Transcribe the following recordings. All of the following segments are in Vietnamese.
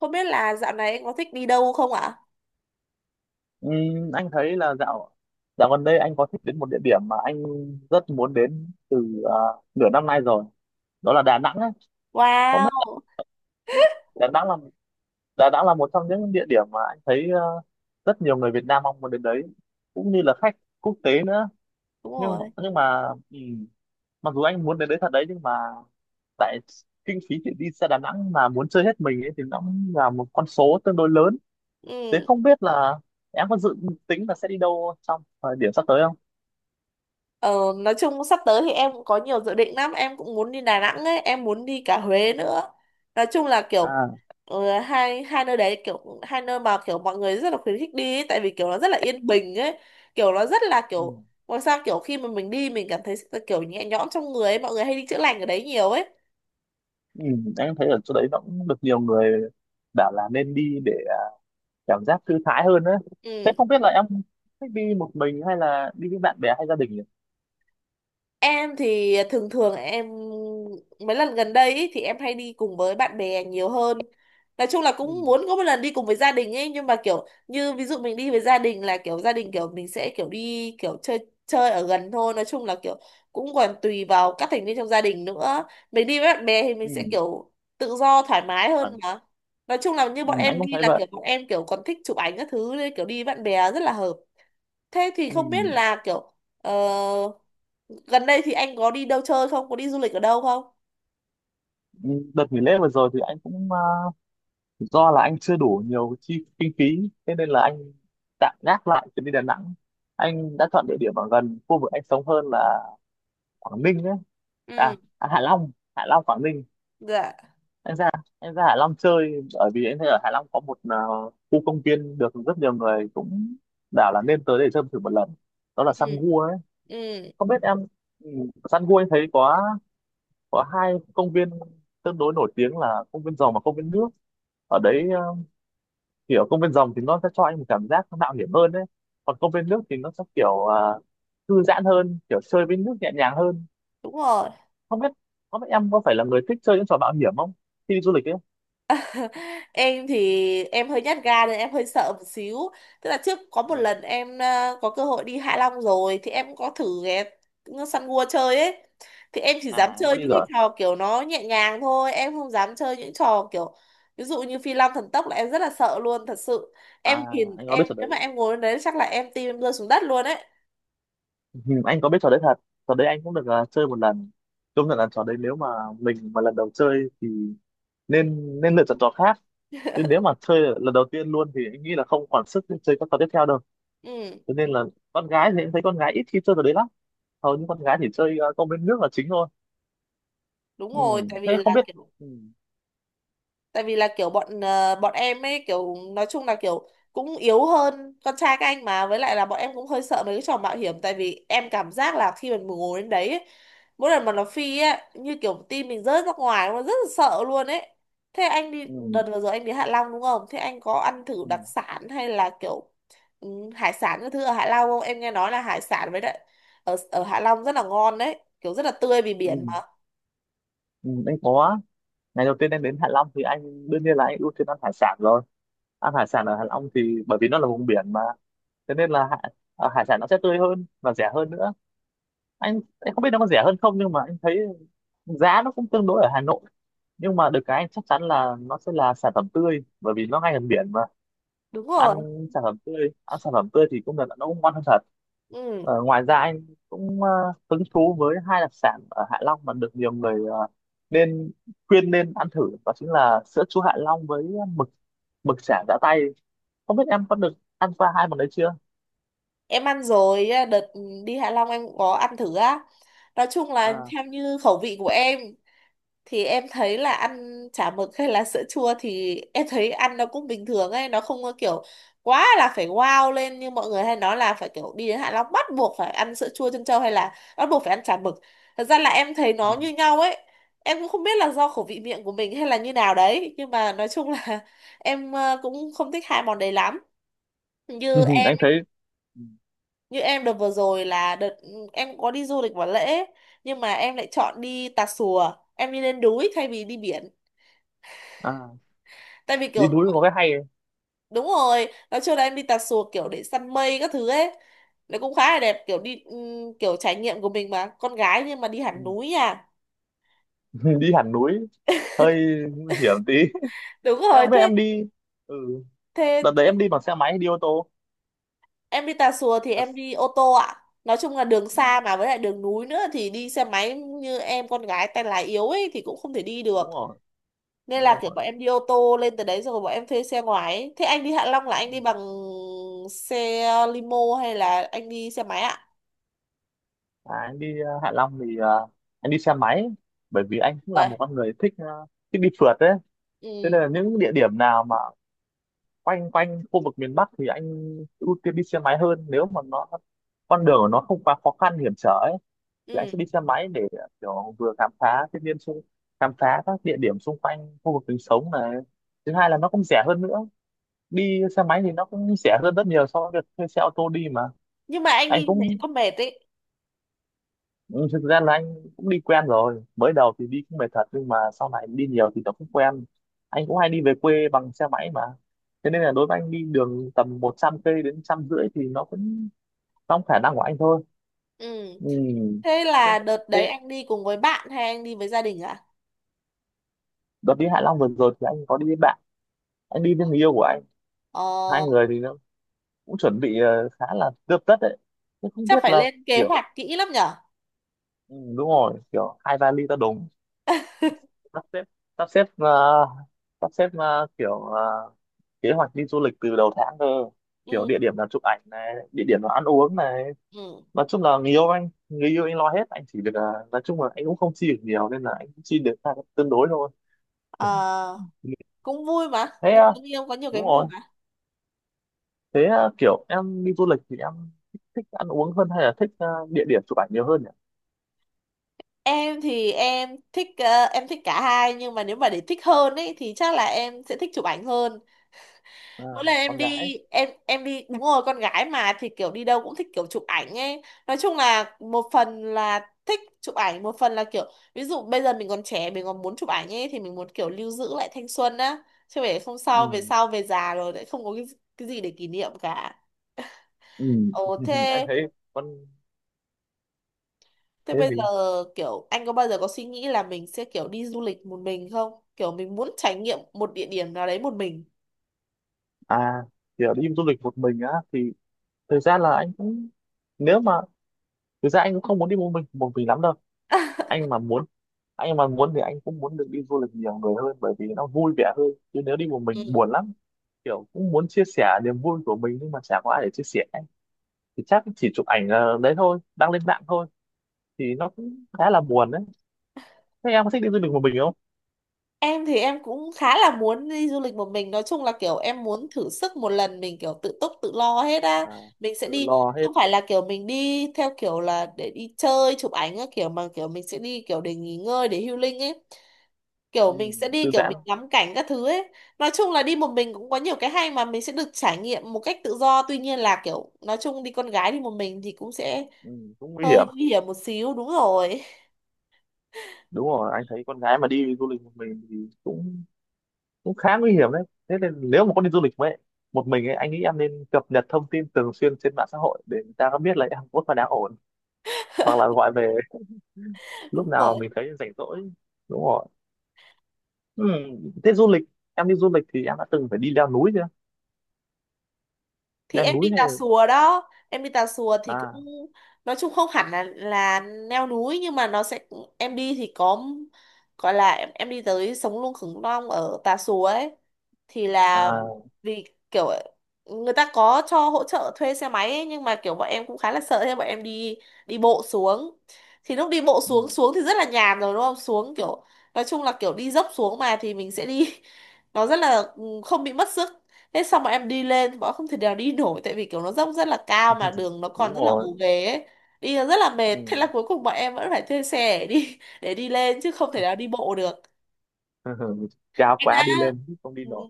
Không biết là dạo này anh có thích đi đâu không ạ? Anh thấy là dạo dạo gần đây anh có thích đến một địa điểm mà anh rất muốn đến từ nửa năm nay rồi, đó là Đà Nẵng ấy. Không biết Wow, là Đà Nẵng là một trong những địa điểm mà anh thấy rất nhiều người Việt Nam mong muốn đến đấy, cũng như là khách quốc tế nữa. đúng nhưng mà, rồi. nhưng mà ừm, mặc dù anh muốn đến đấy thật đấy, nhưng mà tại kinh phí để đi xe Đà Nẵng mà muốn chơi hết mình ấy thì nó cũng là một con số tương đối lớn. Thế Ừ. không biết là em có dự tính là sẽ đi đâu trong thời điểm sắp tới? Ờ, nói chung sắp tới thì em cũng có nhiều dự định lắm. Em cũng muốn đi Đà Nẵng ấy, em muốn đi cả Huế nữa. Nói chung là kiểu À, hai hai nơi đấy kiểu hai nơi mà kiểu mọi người rất là khuyến khích đi ấy, tại vì kiểu nó rất là yên bình ấy, kiểu nó rất là ừ. kiểu ngoài sao kiểu khi mà mình đi mình cảm thấy kiểu nhẹ nhõm trong người ấy, mọi người hay đi chữa lành ở đấy nhiều ấy. Ừ, anh thấy ở chỗ đấy nó cũng được nhiều người bảo là nên đi để cảm giác thư thái hơn đấy. Thế Ừ. không biết là em thích đi một mình hay là đi với bạn bè hay gia đình nhỉ? Em thì thường thường em mấy lần gần đây ý, thì em hay đi cùng với bạn bè nhiều hơn. Nói chung là Ừ, cũng muốn có một lần đi cùng với gia đình ấy, nhưng mà kiểu như ví dụ mình đi với gia đình là kiểu gia đình kiểu mình sẽ kiểu đi kiểu chơi chơi ở gần thôi. Nói chung là kiểu cũng còn tùy vào các thành viên trong gia đình nữa. Mình đi với bạn bè thì mình sẽ ừ, kiểu tự do thoải mái hơn vâng. mà. Nói chung là như Ừ, bọn anh em cũng đi thấy là vậy. kiểu bọn em kiểu còn thích chụp ảnh các thứ nên kiểu đi với bạn bè rất là hợp. Thế thì Ừ, không biết là kiểu ờ, gần đây thì anh có đi đâu chơi không? Có đi du lịch ở đâu không? ừ, đợt nghỉ lễ vừa rồi thì anh cũng do là anh chưa đủ nhiều chi kinh phí, thế nên là anh tạm gác lại chuyến đi Đà Nẵng. Anh đã chọn địa điểm ở gần khu vực anh sống hơn, là Quảng Ninh ấy. Ừ. À, à Hạ Long, Hạ Long Quảng Ninh. Dạ. Em ra em ra Hạ Long chơi bởi vì em thấy ở Hạ Long có một khu công viên được rất nhiều người cũng bảo là nên tới để chơi thử một lần, đó là Ừ, Sun Gua ấy. ừ, Không biết em, ừ, Sun Gua em thấy có hai công viên tương đối nổi tiếng là công viên rồng và công viên nước ở đấy. Kiểu công viên rồng thì nó sẽ cho anh một cảm giác nó mạo hiểm hơn đấy, còn công viên nước thì nó sẽ kiểu thư giãn hơn, kiểu chơi với nước nhẹ nhàng hơn. đúng rồi. Không biết không biết em có phải là người thích chơi những trò mạo hiểm không khi đi du lịch ấy. Em thì em hơi nhát gan nên em hơi sợ một xíu, tức là trước có một lần em có cơ hội đi Hạ Long rồi thì em có thử ghé săn gua chơi ấy, thì em chỉ dám À, em có chơi đi những cái rồi. trò kiểu nó nhẹ nhàng thôi, em không dám chơi những trò kiểu ví dụ như phi long thần tốc là em rất là sợ luôn thật sự. À, Em nhìn anh có biết em trò nếu mà đấy. em ngồi lên đấy chắc là em tim em rơi xuống đất luôn ấy. Ừ, anh có biết trò đấy thật, trò đấy anh cũng được chơi một lần. Công nhận là trò đấy nếu mà mình mà lần đầu chơi thì nên nên lựa chọn trò khác, chứ nếu mà chơi lần đầu tiên luôn thì anh nghĩ là không còn sức để chơi các trò tiếp theo đâu. Ừ, Cho nên là con gái thì em thấy con gái ít khi chơi trò đấy lắm, hầu như con gái chỉ chơi công viên nước là chính thôi. đúng Ừ. rồi. Tại vì Thế không là biết, kiểu ừ. tại vì là kiểu bọn em ấy kiểu nói chung là kiểu cũng yếu hơn con trai các anh mà, với lại là bọn em cũng hơi sợ mấy cái trò mạo hiểm, tại vì em cảm giác là khi mình ngồi đến đấy ấy, mỗi lần mà nó phi ấy như kiểu tim mình rớt ra ngoài, nó rất là sợ luôn ấy. Thế anh đi Ừ. đợt vừa rồi anh đi Hạ Long đúng không, thế anh có ăn thử Ừ. đặc sản hay là kiểu ừ, hải sản các thứ ở Hạ Long không? Em nghe nói là hải sản với lại ở ở Hạ Long rất là ngon đấy, kiểu rất là tươi vì biển Ừ. mà. Ừ. Anh có, ngày đầu tiên em đến Hạ Long thì anh đương nhiên là anh ưu tiên ăn hải sản rồi. Ăn hải sản ở Hạ Long thì bởi vì nó là vùng biển mà, thế nên là hải sản nó sẽ tươi hơn và rẻ hơn nữa. Anh không biết nó có rẻ hơn không, nhưng mà anh thấy giá nó cũng tương đối ở Hà Nội, nhưng mà được cái anh chắc chắn là nó sẽ là sản phẩm tươi bởi vì nó ngay gần biển mà. Đúng Ăn rồi. sản phẩm tươi thì cũng là nó cũng ngon hơn thật. Ừ. Ờ, ngoài ra anh cũng hứng thú với hai đặc sản ở Hạ Long mà được nhiều người nên khuyên nên ăn thử, đó chính là sữa chua Hạ Long với mực mực chả giã tay. Không biết em có được ăn qua hai món đấy chưa. Em ăn rồi á, đợt đi Hạ Long em cũng có ăn thử á. Nói chung là À, theo như khẩu vị của em thì em thấy là ăn chả mực hay là sữa chua thì em thấy ăn nó cũng bình thường ấy, nó không có kiểu quá là phải wow lên như mọi người hay nói là phải kiểu đi đến Hạ Long bắt buộc phải ăn sữa chua trân châu hay là bắt buộc phải ăn chả mực. Thật ra là em thấy ừ. nó như nhau ấy. Em cũng không biết là do khẩu vị miệng của mình hay là như nào đấy, nhưng mà nói chung là em cũng không thích hai món đấy lắm. Như Anh thấy, Như em đợt vừa rồi là đợt em có đi du lịch vào lễ, nhưng mà em lại chọn đi Tà Xùa, em đi lên núi thay vì đi biển. à Tại vì kiểu đi núi có cái hay ấy. đúng rồi nói chung là em đi Tà Xùa kiểu để săn mây các thứ ấy, nó cũng khá là đẹp kiểu đi kiểu trải nghiệm của mình mà con gái nhưng mà đi Ừ. hẳn núi à. Đi hẳn núi hơi nguy hiểm tí. Đúng Thế rồi. không biết Thế em đi, ừ đợt đấy thế em đi bằng xe máy hay đi ô tô? em đi Tà Xùa thì à, em s- đi ô tô ạ. Nói chung là đường ừ, xa mà với lại đường núi nữa thì đi xe máy như em con gái tay lái yếu ấy thì cũng không thể đi được. đúng rồi. Nên Đúng là kiểu rồi. bọn em đi ô tô lên từ đấy rồi bọn em thuê xe ngoài ấy. Thế anh đi Hạ Long là anh Ừ. đi bằng xe limo hay là anh đi xe máy ạ? Anh đi Hạ Long thì anh đi xe máy, bởi vì anh cũng là Vậy. một con người thích thích đi phượt đấy. Thế Ừ. nên là những địa điểm nào mà quanh quanh khu vực miền Bắc thì anh ưu tiên đi xe máy hơn, nếu mà nó con đường của nó không quá khó khăn hiểm trở ấy thì anh Ừ. sẽ đi xe máy để kiểu vừa khám phá thiên nhiên xung khám phá các địa điểm xung quanh khu vực mình sống này. Thứ hai là nó cũng rẻ hơn nữa, đi xe máy thì nó cũng rẻ hơn rất nhiều so với việc thuê xe ô tô đi mà. Nhưng mà anh Anh đi thế cũng, có mệt ấy. ừ, thực ra là anh cũng đi quen rồi, mới đầu thì đi cũng mệt thật nhưng mà sau này đi nhiều thì nó cũng quen. Anh cũng hay đi về quê bằng xe máy mà, thế nên là đối với anh đi đường tầm 100 cây đến 150 thì nó cũng trong khả năng của anh thôi. Ừ. Ừ. Thế thế, là đợt đấy thế anh đi cùng với bạn hay anh đi với gia đình ạ? đợt đi Hạ Long vừa rồi thì anh có đi với bạn, anh đi với người yêu của anh. Ờ. Hai người thì nó cũng chuẩn bị khá là tươm tất đấy, nhưng không Chắc biết phải là lên kế kiểu, hoạch kỹ lắm nhở. ừ, đúng rồi, kiểu hai vali to đùng. Sắp xếp sắp xếp ờ, sắp xếp ờ, kiểu ờ, kế hoạch đi du lịch từ đầu tháng cơ, kiểu Ừ. địa điểm là chụp ảnh này, địa điểm là ăn uống này. Ừ. Nói chung là người yêu anh lo hết, anh chỉ được nói chung là anh cũng không chi được nhiều nên là anh cũng chi được ra tương đối thôi. Ờ, Ừ. cũng vui mà, Thế đi với người yêu có nhiều cái đúng vui rồi. mà. Thế kiểu em đi du lịch thì em thích ăn uống hơn hay là thích địa điểm chụp ảnh nhiều hơn nhỉ? Em thì em thích em thích cả hai, nhưng mà nếu mà để thích hơn ấy thì chắc là em sẽ thích chụp ảnh hơn. À, Mỗi lần em con gái ấy. đi em đi, đúng rồi, con gái mà thì kiểu đi đâu cũng thích kiểu chụp ảnh ấy. Nói chung là một phần là thích chụp ảnh, một phần là kiểu ví dụ bây giờ mình còn trẻ mình còn muốn chụp ảnh ấy thì mình muốn kiểu lưu giữ lại thanh xuân á, chứ để không sao về Ừ. sau về già rồi lại không có cái gì để kỷ niệm cả. Ừ. Ồ Anh thế thấy con, thế thế bây giờ gì, kiểu anh có bao giờ có suy nghĩ là mình sẽ kiểu đi du lịch một mình không, kiểu mình muốn trải nghiệm một địa điểm nào đấy một mình? à kiểu đi du lịch một mình á thì thời gian là anh cũng, nếu mà thực ra anh cũng không muốn đi một mình lắm đâu. Anh mà muốn anh mà muốn thì anh cũng muốn được đi du lịch nhiều người hơn bởi vì nó vui vẻ hơn, chứ nếu đi một Ừ. mình buồn lắm. Kiểu cũng muốn chia sẻ niềm vui của mình nhưng mà chả có ai để chia sẻ ấy. Thì chắc chỉ chụp ảnh đấy thôi, đăng lên mạng thôi, thì nó cũng khá là buồn đấy. Thế em có thích đi du lịch một mình không? Em thì em cũng khá là muốn đi du lịch một mình, nói chung là kiểu em muốn thử sức một lần mình kiểu tự túc tự lo hết á. À, Mình sẽ tự đi lo hết. không phải là kiểu mình đi theo kiểu là để đi chơi chụp ảnh á, kiểu mà kiểu mình sẽ đi kiểu để nghỉ ngơi để healing ấy, kiểu Ừ, mình sẽ đi thư kiểu giãn. mình ngắm cảnh các thứ ấy. Nói chung là đi một mình cũng có nhiều cái hay mà, mình sẽ được trải nghiệm một cách tự do, tuy nhiên là kiểu nói chung đi con gái đi một mình thì cũng sẽ Ừ, cũng nguy hơi hiểm. nguy hiểm một xíu, đúng rồi. Đúng rồi, anh thấy con gái mà đi du lịch một mình thì cũng cũng khá nguy hiểm đấy. Thế nên nếu mà con đi du lịch với một mình ấy, anh nghĩ em nên cập nhật thông tin thường xuyên trên mạng xã hội để người ta có biết là em có phải đang ổn, hoặc là gọi về lúc Đúng nào rồi mình thấy rảnh rỗi. Đúng rồi. Ừ. Thế du lịch, em đi du lịch thì em đã từng phải đi leo núi chưa? thì Leo em đi núi Tà này. Xùa đó, em đi Tà Xùa thì cũng À. nói chung không hẳn là leo núi nhưng mà nó sẽ em đi thì có gọi là em đi tới sống lưng khủng long ở Tà Xùa ấy, thì là À. vì kiểu người ta có cho hỗ trợ thuê xe máy ấy, nhưng mà kiểu bọn em cũng khá là sợ, thế bọn em đi đi bộ xuống. Thì lúc đi bộ Ừ. xuống xuống thì rất là nhàn rồi đúng không, xuống kiểu nói chung là kiểu đi dốc xuống mà thì mình sẽ đi nó rất là không bị mất sức. Thế xong bọn em đi lên thì bọn em không thể nào đi nổi, tại vì kiểu nó dốc rất là cao mà đường nó còn Đúng rất là rồi. gồ ghề ấy, đi nó rất là mệt, Ừ. thế là cuối cùng bọn em vẫn phải thuê xe để đi để đi lên chứ không thể nào đi bộ được. Cao Anh đã quá đi lên không đi ừ. nổi.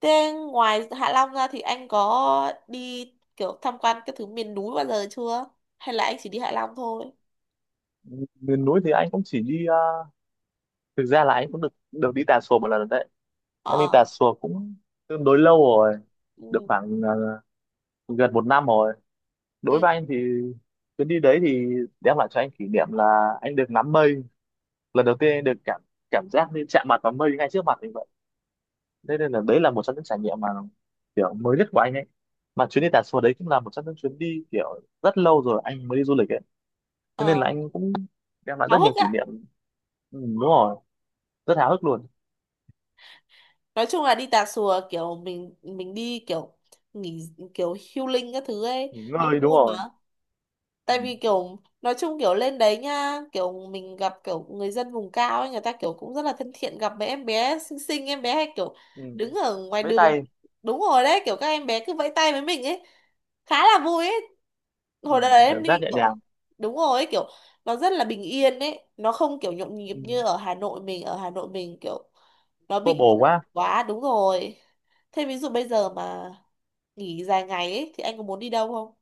Thế ngoài Hạ Long ra thì anh có đi kiểu tham quan các thứ miền núi bao giờ chưa? Hay là anh chỉ đi Hạ Long thôi? Miền núi thì anh cũng chỉ đi thực ra là anh cũng được được đi Tà Xùa một lần rồi đấy. Anh đi Tà Ờ. Xùa cũng tương đối lâu rồi, được Ừ. khoảng gần 1 năm rồi. Đối Ừ. với anh thì chuyến đi đấy thì đem lại cho anh kỷ niệm là anh được ngắm mây, lần đầu tiên anh được cảm cảm giác như chạm mặt vào mây ngay trước mặt mình vậy. Thế nên là đấy là một trong những trải nghiệm mà kiểu mới nhất của anh ấy, mà chuyến đi Tà Xùa đấy cũng là một trong những chuyến đi kiểu rất lâu rồi anh mới đi du lịch ấy. Thế Ờ. nên là anh cũng đem lại Háo rất nhiều hức kỷ á. niệm. Ừ, đúng rồi, rất háo hức luôn. Nói chung là đi Tà Xùa kiểu mình đi kiểu nghỉ kiểu healing các thứ ấy Nghỉ cũng ngơi, đúng vui rồi. mà. Ừ. Tại vì kiểu nói chung kiểu lên đấy nha kiểu mình gặp kiểu người dân vùng cao ấy, người ta kiểu cũng rất là thân thiện, gặp mấy em bé xinh xinh, em bé hay kiểu Ừ. đứng ở ngoài Với đường. tay. Đúng rồi đấy, kiểu các em bé cứ vẫy tay với mình ấy, khá là vui ấy. Ừ. Hồi đấy em Cảm giác đi nhẹ nhàng. kiểu đúng rồi ấy, kiểu nó rất là bình yên ấy, nó không kiểu nhộn nhịp Ừ. như ở Hà Nội. Mình ở Hà Nội mình kiểu nó Vô bị bổ quá. quá, đúng rồi. Thế ví dụ bây giờ mà nghỉ dài ngày ấy thì anh có muốn đi đâu không?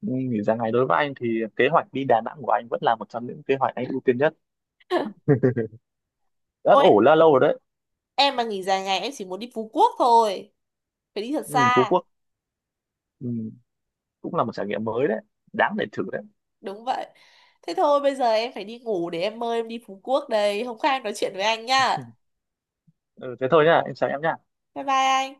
Ừ. Nghỉ dài ngày đối với anh thì kế hoạch đi Đà Nẵng của anh vẫn là một trong những kế hoạch anh ưu tiên nhất, ấp Ôi ủ là lâu rồi đấy. em mà nghỉ dài ngày em chỉ muốn đi Phú Quốc thôi, phải đi thật Ừ. xa. Phú Quốc. Ừ, cũng là một trải nghiệm mới đấy, đáng để thử đấy. Đúng vậy. Thế thôi bây giờ em phải đi ngủ để em mơ em đi Phú Quốc đây, hôm khác em nói chuyện với anh nhá. Ừ. Ừ, thế thôi nhá, em chào em nhá. Bye bye anh.